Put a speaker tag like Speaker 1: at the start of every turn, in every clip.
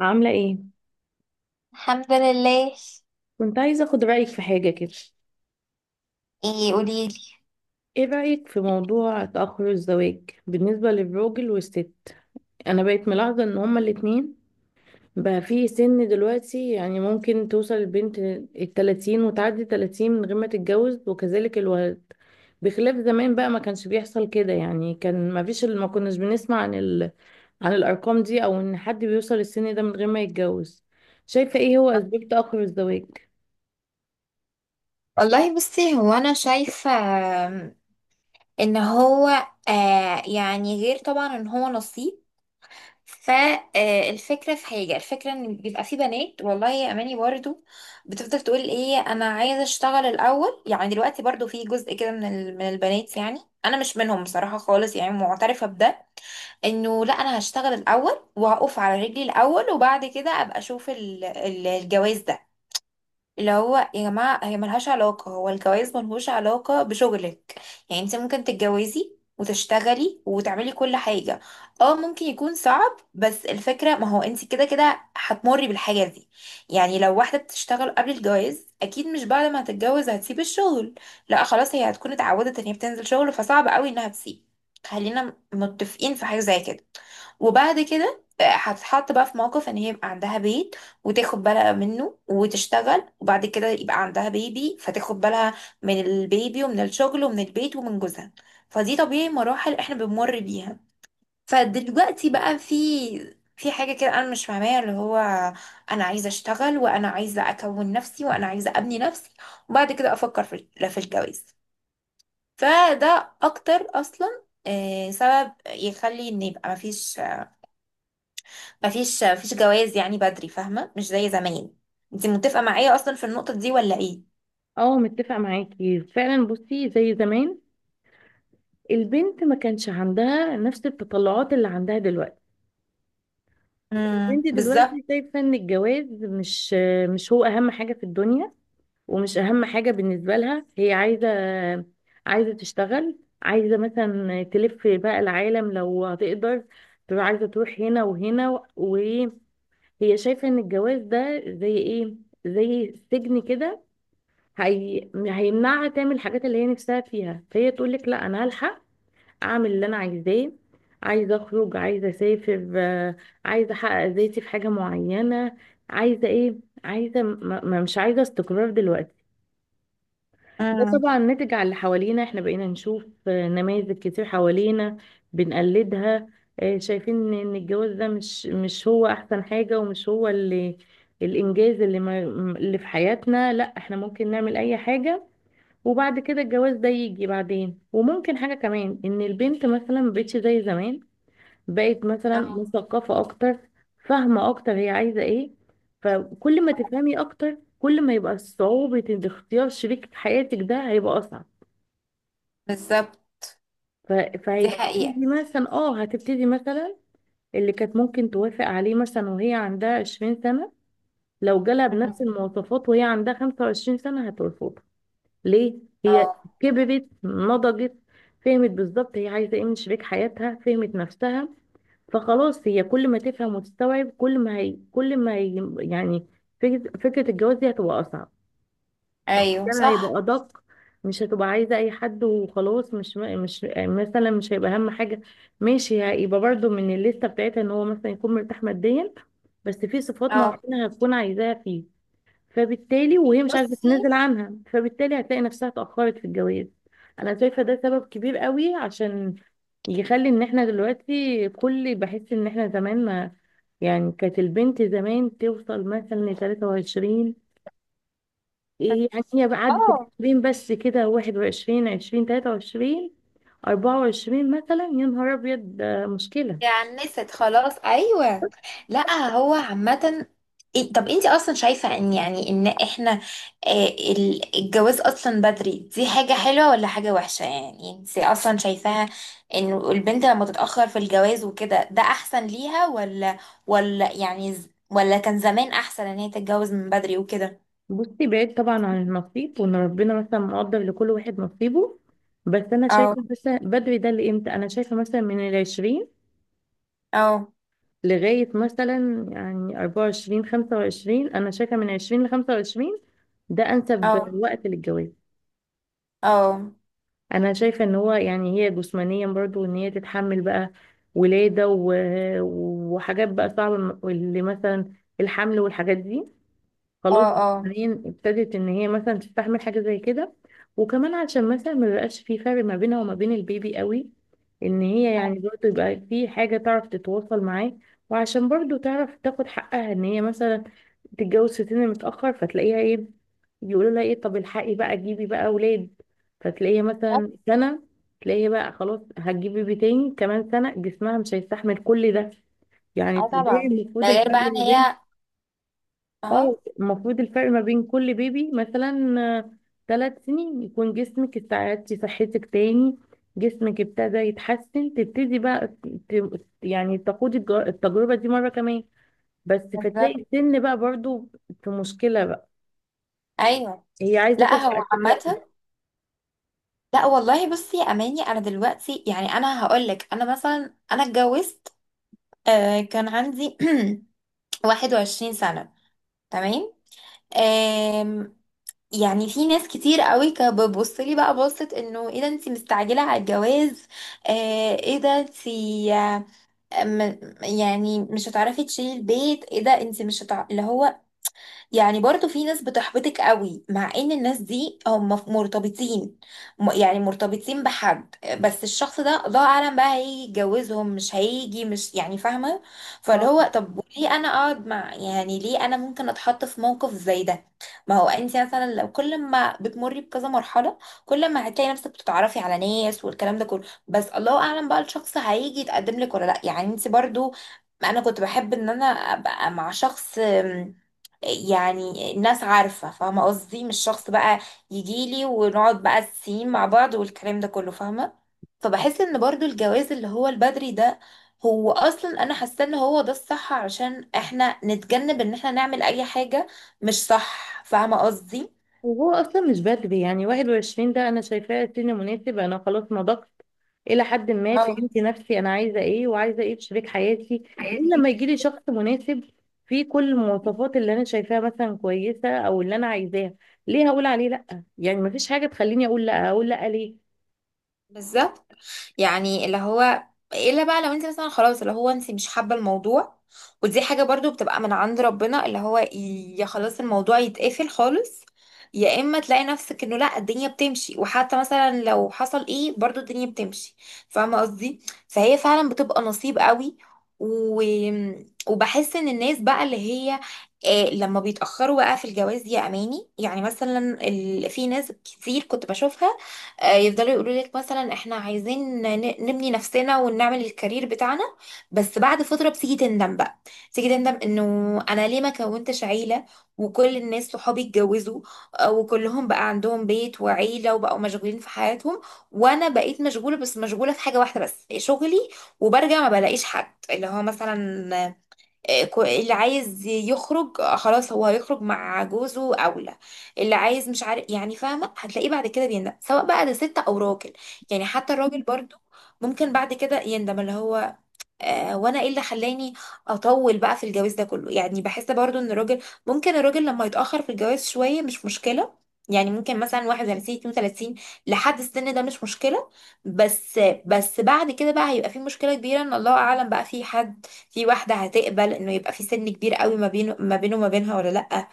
Speaker 1: عاملة ايه؟
Speaker 2: الحمد لله.
Speaker 1: كنت عايزة اخد رأيك في حاجة كده.
Speaker 2: ايه؟ قوليلي.
Speaker 1: ايه رأيك في موضوع تأخر الزواج بالنسبة للراجل والست؟ انا بقيت ملاحظة ان هما الاتنين بقى في سن دلوقتي، يعني ممكن توصل البنت الـ30 وتعدي 30 من غير ما تتجوز، وكذلك الولد. بخلاف زمان بقى، ما كانش بيحصل كده، يعني كان ما فيش ما كناش بنسمع عن عن الارقام دي، او ان حد بيوصل السن ده من غير ما يتجوز. شايفة ايه هو اسباب تأخر الزواج؟
Speaker 2: والله بصي، هو انا شايفه آم، ان هو يعني، غير طبعا ان هو نصيب. فالفكره في حاجه، الفكره ان بيبقى في بنات، والله يا اماني، برضو بتفضل تقول: ايه، انا عايزه اشتغل الاول. يعني دلوقتي برضو في جزء كده من البنات، يعني انا مش منهم بصراحه خالص، يعني معترفه بده. انه لا، انا هشتغل الاول وهقف على رجلي الاول، وبعد كده ابقى اشوف الجواز ده، اللي هو يا جماعة، هي ملهاش علاقة، هو الجواز ملهوش علاقة بشغلك. يعني انت ممكن تتجوزي وتشتغلي وتعملي كل حاجة. اه، ممكن يكون صعب، بس الفكرة، ما هو انت كده كده هتمري بالحاجة دي. يعني لو واحدة بتشتغل قبل الجواز، اكيد مش بعد ما هتتجوز هتسيب الشغل. لا خلاص، هي هتكون اتعودت ان هي بتنزل شغل، فصعب قوي انها تسيب. خلينا متفقين في حاجة زي كده. وبعد كده هتتحط بقى في موقف ان هي يبقى عندها بيت، وتاخد بالها منه وتشتغل، وبعد كده يبقى عندها بيبي فتاخد بالها من البيبي ومن الشغل ومن البيت ومن جوزها. فدي طبيعي، مراحل احنا بنمر بيها. فدلوقتي بقى في حاجة كده أنا مش فاهماها، اللي هو: أنا عايزة أشتغل، وأنا عايزة أكون نفسي، وأنا عايزة أبني نفسي، وبعد كده أفكر في، لا، في الجواز. فده أكتر أصلا سبب يخلي إن يبقى مفيش جواز، يعني بدري، فاهمة، مش زي زمان. انت متفقة معايا اصلا في النقطة دي ولا ايه؟
Speaker 1: اه، متفقة معاكي فعلا. بصي، زي زمان البنت ما كانش عندها نفس التطلعات اللي عندها دلوقتي.
Speaker 2: امم،
Speaker 1: البنت
Speaker 2: بالظبط.
Speaker 1: دلوقتي شايفة ان الجواز مش هو اهم حاجة في الدنيا، ومش اهم حاجة بالنسبة لها. هي عايزة تشتغل، عايزة مثلا تلف بقى العالم لو هتقدر، تبقى عايزة تروح هنا وهنا، وهي شايفة ان الجواز ده زي ايه، زي سجن كده. هيمنعها تعمل الحاجات اللي هي نفسها فيها، فهي تقول لك لا انا هلحق اعمل اللي انا عايزاه. عايزه اخرج، عايزه اسافر، عايزه احقق ذاتي في حاجه معينه، عايزه ايه، عايزه مش عايزه استقرار دلوقتي. ده
Speaker 2: امم.
Speaker 1: طبعا ناتج على اللي حوالينا، احنا بقينا نشوف نماذج كتير حوالينا بنقلدها، شايفين ان الجواز ده مش هو احسن حاجه، ومش هو الانجاز اللي في حياتنا. لا، احنا ممكن نعمل اي حاجه، وبعد كده الجواز ده يجي بعدين. وممكن حاجة كمان، ان البنت مثلا مبقتش زي زمان، بقت مثلا
Speaker 2: اه
Speaker 1: مثقفة اكتر، فاهمة اكتر هي عايزة ايه. فكل ما تفهمي اكتر، كل ما يبقى صعوبة إن اختيار شريك حياتك ده هيبقى اصعب.
Speaker 2: بالظبط،
Speaker 1: ف-
Speaker 2: دي حقيقة.
Speaker 1: فهتبتدي مثلا اه هتبتدي مثلا اللي كانت ممكن توافق عليه مثلا وهي عندها 20 سنة، لو جالها بنفس
Speaker 2: مم.
Speaker 1: المواصفات وهي عندها 25 سنة هترفض. ليه؟ هي
Speaker 2: اه
Speaker 1: كبرت، نضجت، فهمت بالظبط هي عايزه ايه من شريك حياتها، فهمت نفسها. فخلاص هي كل ما تفهم وتستوعب، كل ما هي كل ما هي يعني فكرة الجواز دي هتبقى اصعب،
Speaker 2: ايوه
Speaker 1: كان هيبقى
Speaker 2: صح.
Speaker 1: ادق. مش هتبقى عايزه اي حد وخلاص، مش مثلا مش هيبقى اهم حاجه. ماشي، هيبقى برضو من الليسته بتاعتها ان هو مثلا يكون مرتاح ماديا، بس في صفات
Speaker 2: اه.
Speaker 1: معينه هتكون عايزاها فيه، فبالتالي وهي مش عارفه
Speaker 2: بصي.
Speaker 1: تنزل عنها، فبالتالي هتلاقي نفسها اتاخرت في الجواز. انا شايفه ده سبب كبير قوي عشان يخلي ان احنا دلوقتي كل بحس ان احنا زمان ما، يعني كانت البنت زمان توصل مثلا ل 23. إيه يعني؟ هي بقى عدت ال
Speaker 2: اه.
Speaker 1: 20 بس كده، 21، 20، 23، 24 مثلا، يا نهار ابيض، ده مشكله.
Speaker 2: عنست خلاص، ايوه. لا هو عامه. طب انت اصلا شايفه ان احنا الجواز اصلا بدري، دي حاجه حلوه ولا حاجه وحشه؟ يعني انت اصلا شايفاها ان البنت لما تتاخر في الجواز وكده، ده احسن ليها، ولا، ولا كان زمان احسن ان هي تتجوز من بدري وكده؟
Speaker 1: بصي، بعيد طبعا عن النصيب وان ربنا مثلا مقدر لكل واحد نصيبه، بس انا
Speaker 2: اه.
Speaker 1: شايفه مثلا بدري ده لامتى؟ انا شايفه مثلا من الـ20
Speaker 2: اه.
Speaker 1: لغايه مثلا، يعني 24، 25. انا شايفه من 20 لخمسة وعشرين ده انسب
Speaker 2: اه.
Speaker 1: وقت للجواز.
Speaker 2: اه.
Speaker 1: انا شايفه ان هو، يعني هي جسمانيا برضو ان هي تتحمل بقى ولاده وحاجات بقى صعبه، اللي مثلا الحمل والحاجات دي.
Speaker 2: اه.
Speaker 1: خلاص
Speaker 2: اه.
Speaker 1: جسمانيا ابتدت ان هي مثلا تستحمل حاجه زي كده. وكمان عشان مثلا ما يبقاش في فرق ما بينها وما بين البيبي قوي، ان هي يعني برضه يبقى في حاجه تعرف تتواصل معاه. وعشان برضه تعرف تاخد حقها، ان هي مثلا تتجوز في سن متاخر فتلاقيها ايه، يقولوا لها ايه، طب الحقي بقى، جيبي بقى اولاد. فتلاقيها مثلا سنه، تلاقيها بقى خلاص هتجيب بيبي تاني كمان سنه، جسمها مش هيستحمل كل ده. يعني
Speaker 2: اه
Speaker 1: طبيعي
Speaker 2: طبعا، ده
Speaker 1: المفروض الفرق
Speaker 2: غير بقى ان
Speaker 1: ما بين،
Speaker 2: هي. اه.
Speaker 1: كل بيبي مثلا 3 سنين، يكون جسمك استعدتي صحتك تاني، جسمك ابتدى يتحسن، تبتدي بقى يعني تخوضي التجربة دي مرة كمان. بس فتلاقي
Speaker 2: بالظبط.
Speaker 1: السن بقى برضو في مشكلة بقى،
Speaker 2: ايوه.
Speaker 1: هي عايزة
Speaker 2: لا هو
Speaker 1: تلحق تسلم.
Speaker 2: عامة. لا والله، بصي يا اماني، انا دلوقتي، يعني انا هقولك، انا مثلا انا اتجوزت، كان عندي 21 سنة. تمام. آم، يعني في ناس كتير قوي كانت بتبص لي بقى، بصت انه: ايه ده انتي مستعجلة على الجواز؟ ايه ده انتي؟ آه، يعني مش هتعرفي تشيلي البيت؟ ايه ده انتي مش هتع... اللي هو، يعني برضو في ناس بتحبطك قوي، مع ان الناس دي هم مرتبطين. يعني مرتبطين بحد، بس الشخص ده الله اعلم بقى هيجي يتجوزهم مش هيجي، مش يعني، فاهمه. فاللي هو، طب ليه انا اقعد مع، يعني ليه انا ممكن اتحط في موقف زي ده؟ ما هو انت مثلا لو كل ما بتمري بكذا مرحله، كل ما هتلاقي نفسك بتتعرفي على ناس والكلام ده كله، بس الله اعلم بقى الشخص هيجي يتقدم لك ولا لا. يعني انت برضو، انا كنت بحب ان انا ابقى مع شخص، يعني الناس عارفة فاهمة قصدي، مش شخص بقى يجيلي ونقعد بقى السين مع بعض والكلام ده كله، فاهمة. فبحس ان برضو الجواز اللي هو البدري ده، هو اصلا انا حاسة ان هو ده الصح، علشان احنا نتجنب ان احنا نعمل اي حاجة مش صح، فاهمة قصدي.
Speaker 1: وهو اصلا مش بدري، يعني 21 ده انا شايفاه سن مناسب، انا خلاص نضجت الى حد ما،
Speaker 2: اه
Speaker 1: فهمت نفسي انا عايزه ايه وعايزه ايه في شريك حياتي. ليه لما يجي لي شخص مناسب فيه كل المواصفات اللي انا شايفاها مثلا كويسه او اللي انا عايزاها، ليه هقول عليه لا؟ يعني مفيش حاجه تخليني اقول لا، اقول لا ليه؟
Speaker 2: بالظبط. يعني اللي هو، الا بقى لو انت مثلا خلاص اللي هو انت مش حابه الموضوع، ودي حاجه برضو بتبقى من عند ربنا، اللي هو يا خلاص الموضوع يتقفل خالص، يا اما تلاقي نفسك انه لا، الدنيا بتمشي، وحتى مثلا لو حصل ايه برضو الدنيا بتمشي، فاهمه قصدي. فهي فعلا بتبقى نصيب قوي. و... وبحس ان الناس بقى اللي هي لما بيتأخروا بقى في الجواز، يا أماني يعني مثلا، في ناس كتير كنت بشوفها يفضلوا يقولوا لك: مثلا احنا عايزين نبني نفسنا ونعمل الكارير بتاعنا. بس بعد فترة بتيجي تندم بقى، تيجي تندم انه انا ليه ما كونتش عيلة، وكل الناس صحابي اتجوزوا، وكلهم بقى عندهم بيت وعيلة وبقوا مشغولين في حياتهم، وانا بقيت مشغولة، بس مشغولة في حاجة واحدة بس، شغلي. وبرجع ما بلاقيش حد، اللي هو مثلا اللي عايز يخرج، خلاص هو هيخرج مع جوزه اولى. اللي عايز مش عارف، يعني فاهمه، هتلاقيه بعد كده بيندم، سواء بقى ده ست او راجل. يعني حتى الراجل برضو ممكن بعد كده يندم، اللي هو وانا ايه اللي خلاني اطول بقى في الجواز ده كله. يعني بحس برضو ان الراجل ممكن، الراجل لما يتاخر في الجواز شويه مش مشكله، يعني ممكن مثلا 31 32، لحد السن ده مش مشكله. بس بس بعد كده بقى هيبقى في مشكله كبيره، ان الله اعلم بقى في حد، في واحده هتقبل انه يبقى في سن كبير قوي ما بينه، وما بينها، ولا لا.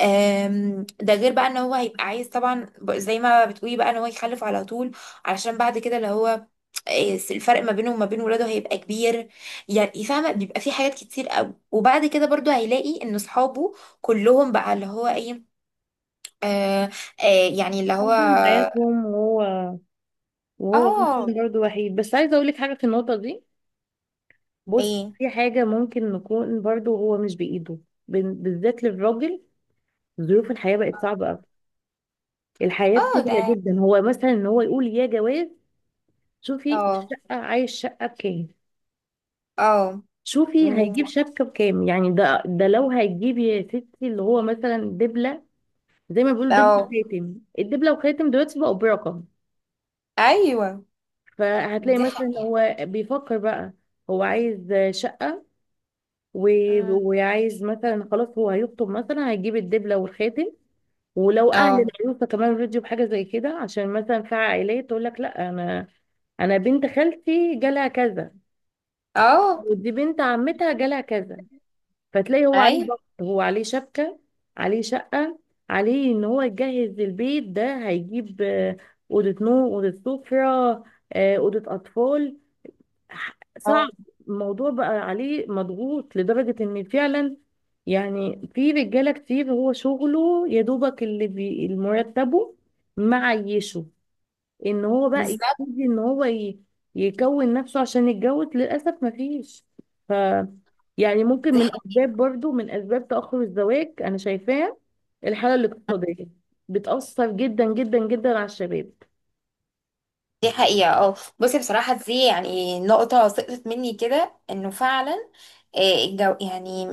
Speaker 2: ده غير بقى ان هو هيبقى عايز طبعا، زي ما بتقولي بقى، ان هو يخلف على طول، علشان بعد كده اللي هو الفرق ما بينه وما بين ولاده هيبقى كبير. يعني فاهمه، بيبقى في حاجات كتير قوي، وبعد كده برضو هيلاقي ان اصحابه كلهم بقى اللي هو ايه. آه. آه، يعني اللي هو.
Speaker 1: عندهم حياتهم وهو مثلا
Speaker 2: اه.
Speaker 1: برضه وحيد. بس عايزه اقول لك حاجه في النقطه دي. بص،
Speaker 2: ايه.
Speaker 1: في حاجه ممكن نكون برضه هو مش بايده، بالذات للراجل. ظروف الحياه بقت صعبه قوي. الحياة
Speaker 2: اه.
Speaker 1: بسيطة،
Speaker 2: ده.
Speaker 1: جدا هو مثلا ان هو يقول يا جواز، شوفي
Speaker 2: اه.
Speaker 1: الشقة، عايز شقة بكام،
Speaker 2: اه.
Speaker 1: شوفي
Speaker 2: مم.
Speaker 1: هيجيب شبكة بكام. يعني ده لو هيجيب يا ستي اللي هو مثلا دبلة، زي ما بيقولوا دبلة
Speaker 2: اه
Speaker 1: وخاتم، الدبلة وخاتم دلوقتي بقوا برقم.
Speaker 2: ايوه،
Speaker 1: فهتلاقي
Speaker 2: دي
Speaker 1: مثلا
Speaker 2: حقيقة.
Speaker 1: هو بيفكر بقى هو عايز شقة،
Speaker 2: مم.
Speaker 1: وعايز مثلا خلاص هو هيخطب، مثلا هيجيب الدبلة والخاتم. ولو اهل
Speaker 2: اه.
Speaker 1: العروسه كمان رضيوا بحاجه زي كده، عشان مثلا في عائلات تقول لك لا، انا بنت خالتي جالها كذا،
Speaker 2: اه.
Speaker 1: ودي بنت عمتها جالها كذا. فتلاقي هو عليه
Speaker 2: ايوه.
Speaker 1: ضغط، هو عليه شبكة، عليه شقة، عليه ان هو يجهز البيت، ده هيجيب أوضة نوم، أوضة سفرة، أوضة أطفال. صعب.
Speaker 2: اه
Speaker 1: الموضوع بقى عليه مضغوط لدرجة ان فعلا، يعني في رجالة كتير هو شغله يا دوبك اللي مرتبه معيشه، ان هو بقى
Speaker 2: بالظبط،
Speaker 1: يبتدي ان هو يكون نفسه عشان يتجوز، للاسف ما فيش. ف يعني ممكن من اسباب، برضو من اسباب تاخر الزواج انا شايفاه الحاله الاقتصاديه، بتاثر جدا جدا جدا على الشباب.
Speaker 2: دي حقيقة. اه بصي، بصراحة دي يعني نقطة سقطت مني كده، انه فعلا الجو يعني،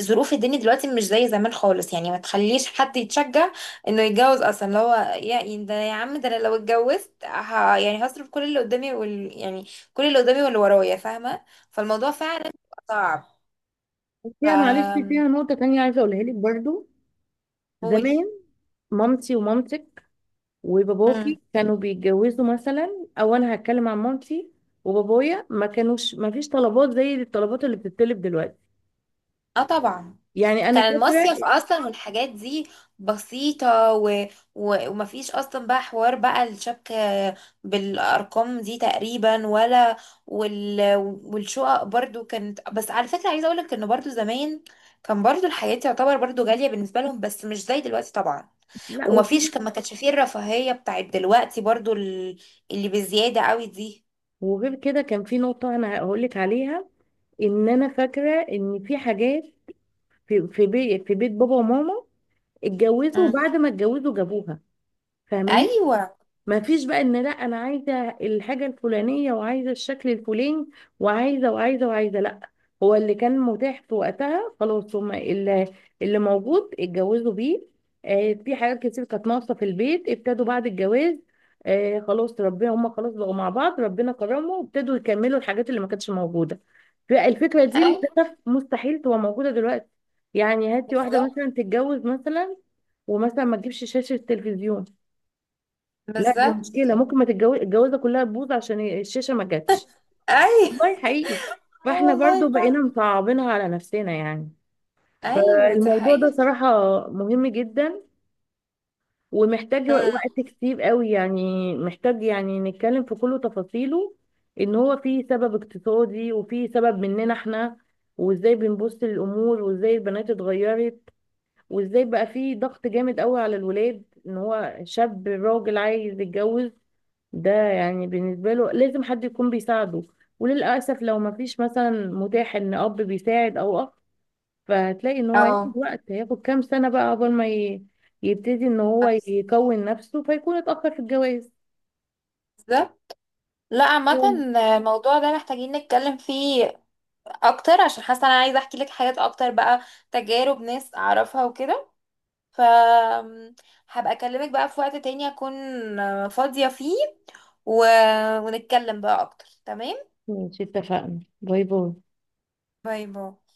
Speaker 2: ظروف الدنيا دلوقتي مش زي زمان خالص، يعني ما تخليش حد يتشجع انه يتجوز اصلا، اللي هو يا يعني، ده يا عم، ده انا لو اتجوزت يعني هصرف كل اللي قدامي، يعني كل اللي قدامي واللي ورايا، فاهمة. فالموضوع فعلا بيبقى صعب.
Speaker 1: فيها معلش،
Speaker 2: ف
Speaker 1: فيها نقطه تانية عايزه اقولها لك برضو.
Speaker 2: قولي.
Speaker 1: زمان مامتي ومامتك
Speaker 2: مم.
Speaker 1: وباباكي كانوا بيتجوزوا مثلا، او انا هتكلم عن مامتي وبابايا، ما كانوش، ما فيش طلبات زي الطلبات اللي بتتطلب دلوقتي.
Speaker 2: اه طبعا.
Speaker 1: يعني انا
Speaker 2: كان
Speaker 1: فاكره،
Speaker 2: المصيف اصلا والحاجات دي بسيطة، ومفيش اصلا بقى حوار بقى، الشبك بالارقام دي تقريبا، ولا وال... والشقق برضو كانت. بس على فكرة، عايزة اقولك ان برضو زمان كان برضو الحياة تعتبر برضو غالية بالنسبة لهم، بس مش زي دلوقتي طبعا.
Speaker 1: لا، وفي،
Speaker 2: ومفيش، ما كانش فيه الرفاهية بتاعت دلوقتي، برضو اللي بزيادة قوي دي.
Speaker 1: وغير كده كان في نقطة أنا هقولك عليها، إن أنا فاكرة إن في حاجات، في بيت بابا وماما اتجوزوا،
Speaker 2: مم.
Speaker 1: وبعد ما اتجوزوا جابوها،
Speaker 2: ايوه.
Speaker 1: ما فيش بقى ان لا انا عايزه الحاجه الفلانيه، وعايزه الشكل الفلاني، وعايزه وعايزه وعايزه. لا، هو اللي كان متاح في وقتها خلاص، هما اللي موجود اتجوزوا بيه. في حاجات كتير كانت ناقصه في البيت، ابتدوا بعد الجواز، خلاص ربنا، هما خلاص بقوا مع بعض ربنا كرمه، وابتدوا يكملوا الحاجات اللي ما كانتش موجوده. فالفكره دي
Speaker 2: ايوه.
Speaker 1: للاسف مستحيل تبقى موجوده دلوقتي. يعني هاتي واحده
Speaker 2: بالظبط.
Speaker 1: مثلا تتجوز، مثلا ومثلا ما تجيبش شاشه تلفزيون، لا دي
Speaker 2: بالظبط.
Speaker 1: مشكله، ممكن ما تتجوز، الجوازه كلها تبوظ عشان الشاشه ما جاتش.
Speaker 2: ايوه.
Speaker 1: والله حقيقي.
Speaker 2: آه
Speaker 1: فاحنا برضو
Speaker 2: والله فعلا.
Speaker 1: بقينا مصعبينها على نفسنا يعني.
Speaker 2: ايوه دي
Speaker 1: فالموضوع ده
Speaker 2: حقيقة.
Speaker 1: صراحه مهم جدا، ومحتاج وقت كتير قوي، يعني محتاج يعني نتكلم في كل تفاصيله. ان هو فيه سبب اقتصادي، وفيه سبب مننا احنا، وازاي بنبص للامور، وازاي البنات اتغيرت، وازاي بقى فيه ضغط جامد قوي على الولاد، ان هو شاب راجل عايز يتجوز، ده يعني بالنسبة له لازم حد يكون بيساعده. وللأسف لو ما فيش مثلا متاح إن أب بيساعد أو أخ، فهتلاقي إن هو هياخد
Speaker 2: اه
Speaker 1: وقت، هياخد كام سنة بقى قبل ما يبتدي إن هو يكون نفسه، فيكون اتأخر في الجواز.
Speaker 2: بالظبط. لا عامة، الموضوع ده محتاجين نتكلم فيه اكتر، عشان حاسة انا عايزة احكي لك حاجات اكتر بقى، تجارب ناس اعرفها وكده. ف هبقى اكلمك بقى في وقت تاني اكون فاضية فيه، و... ونتكلم بقى اكتر. تمام.
Speaker 1: ماشي، اتفقنا، باي باي.
Speaker 2: باي باي.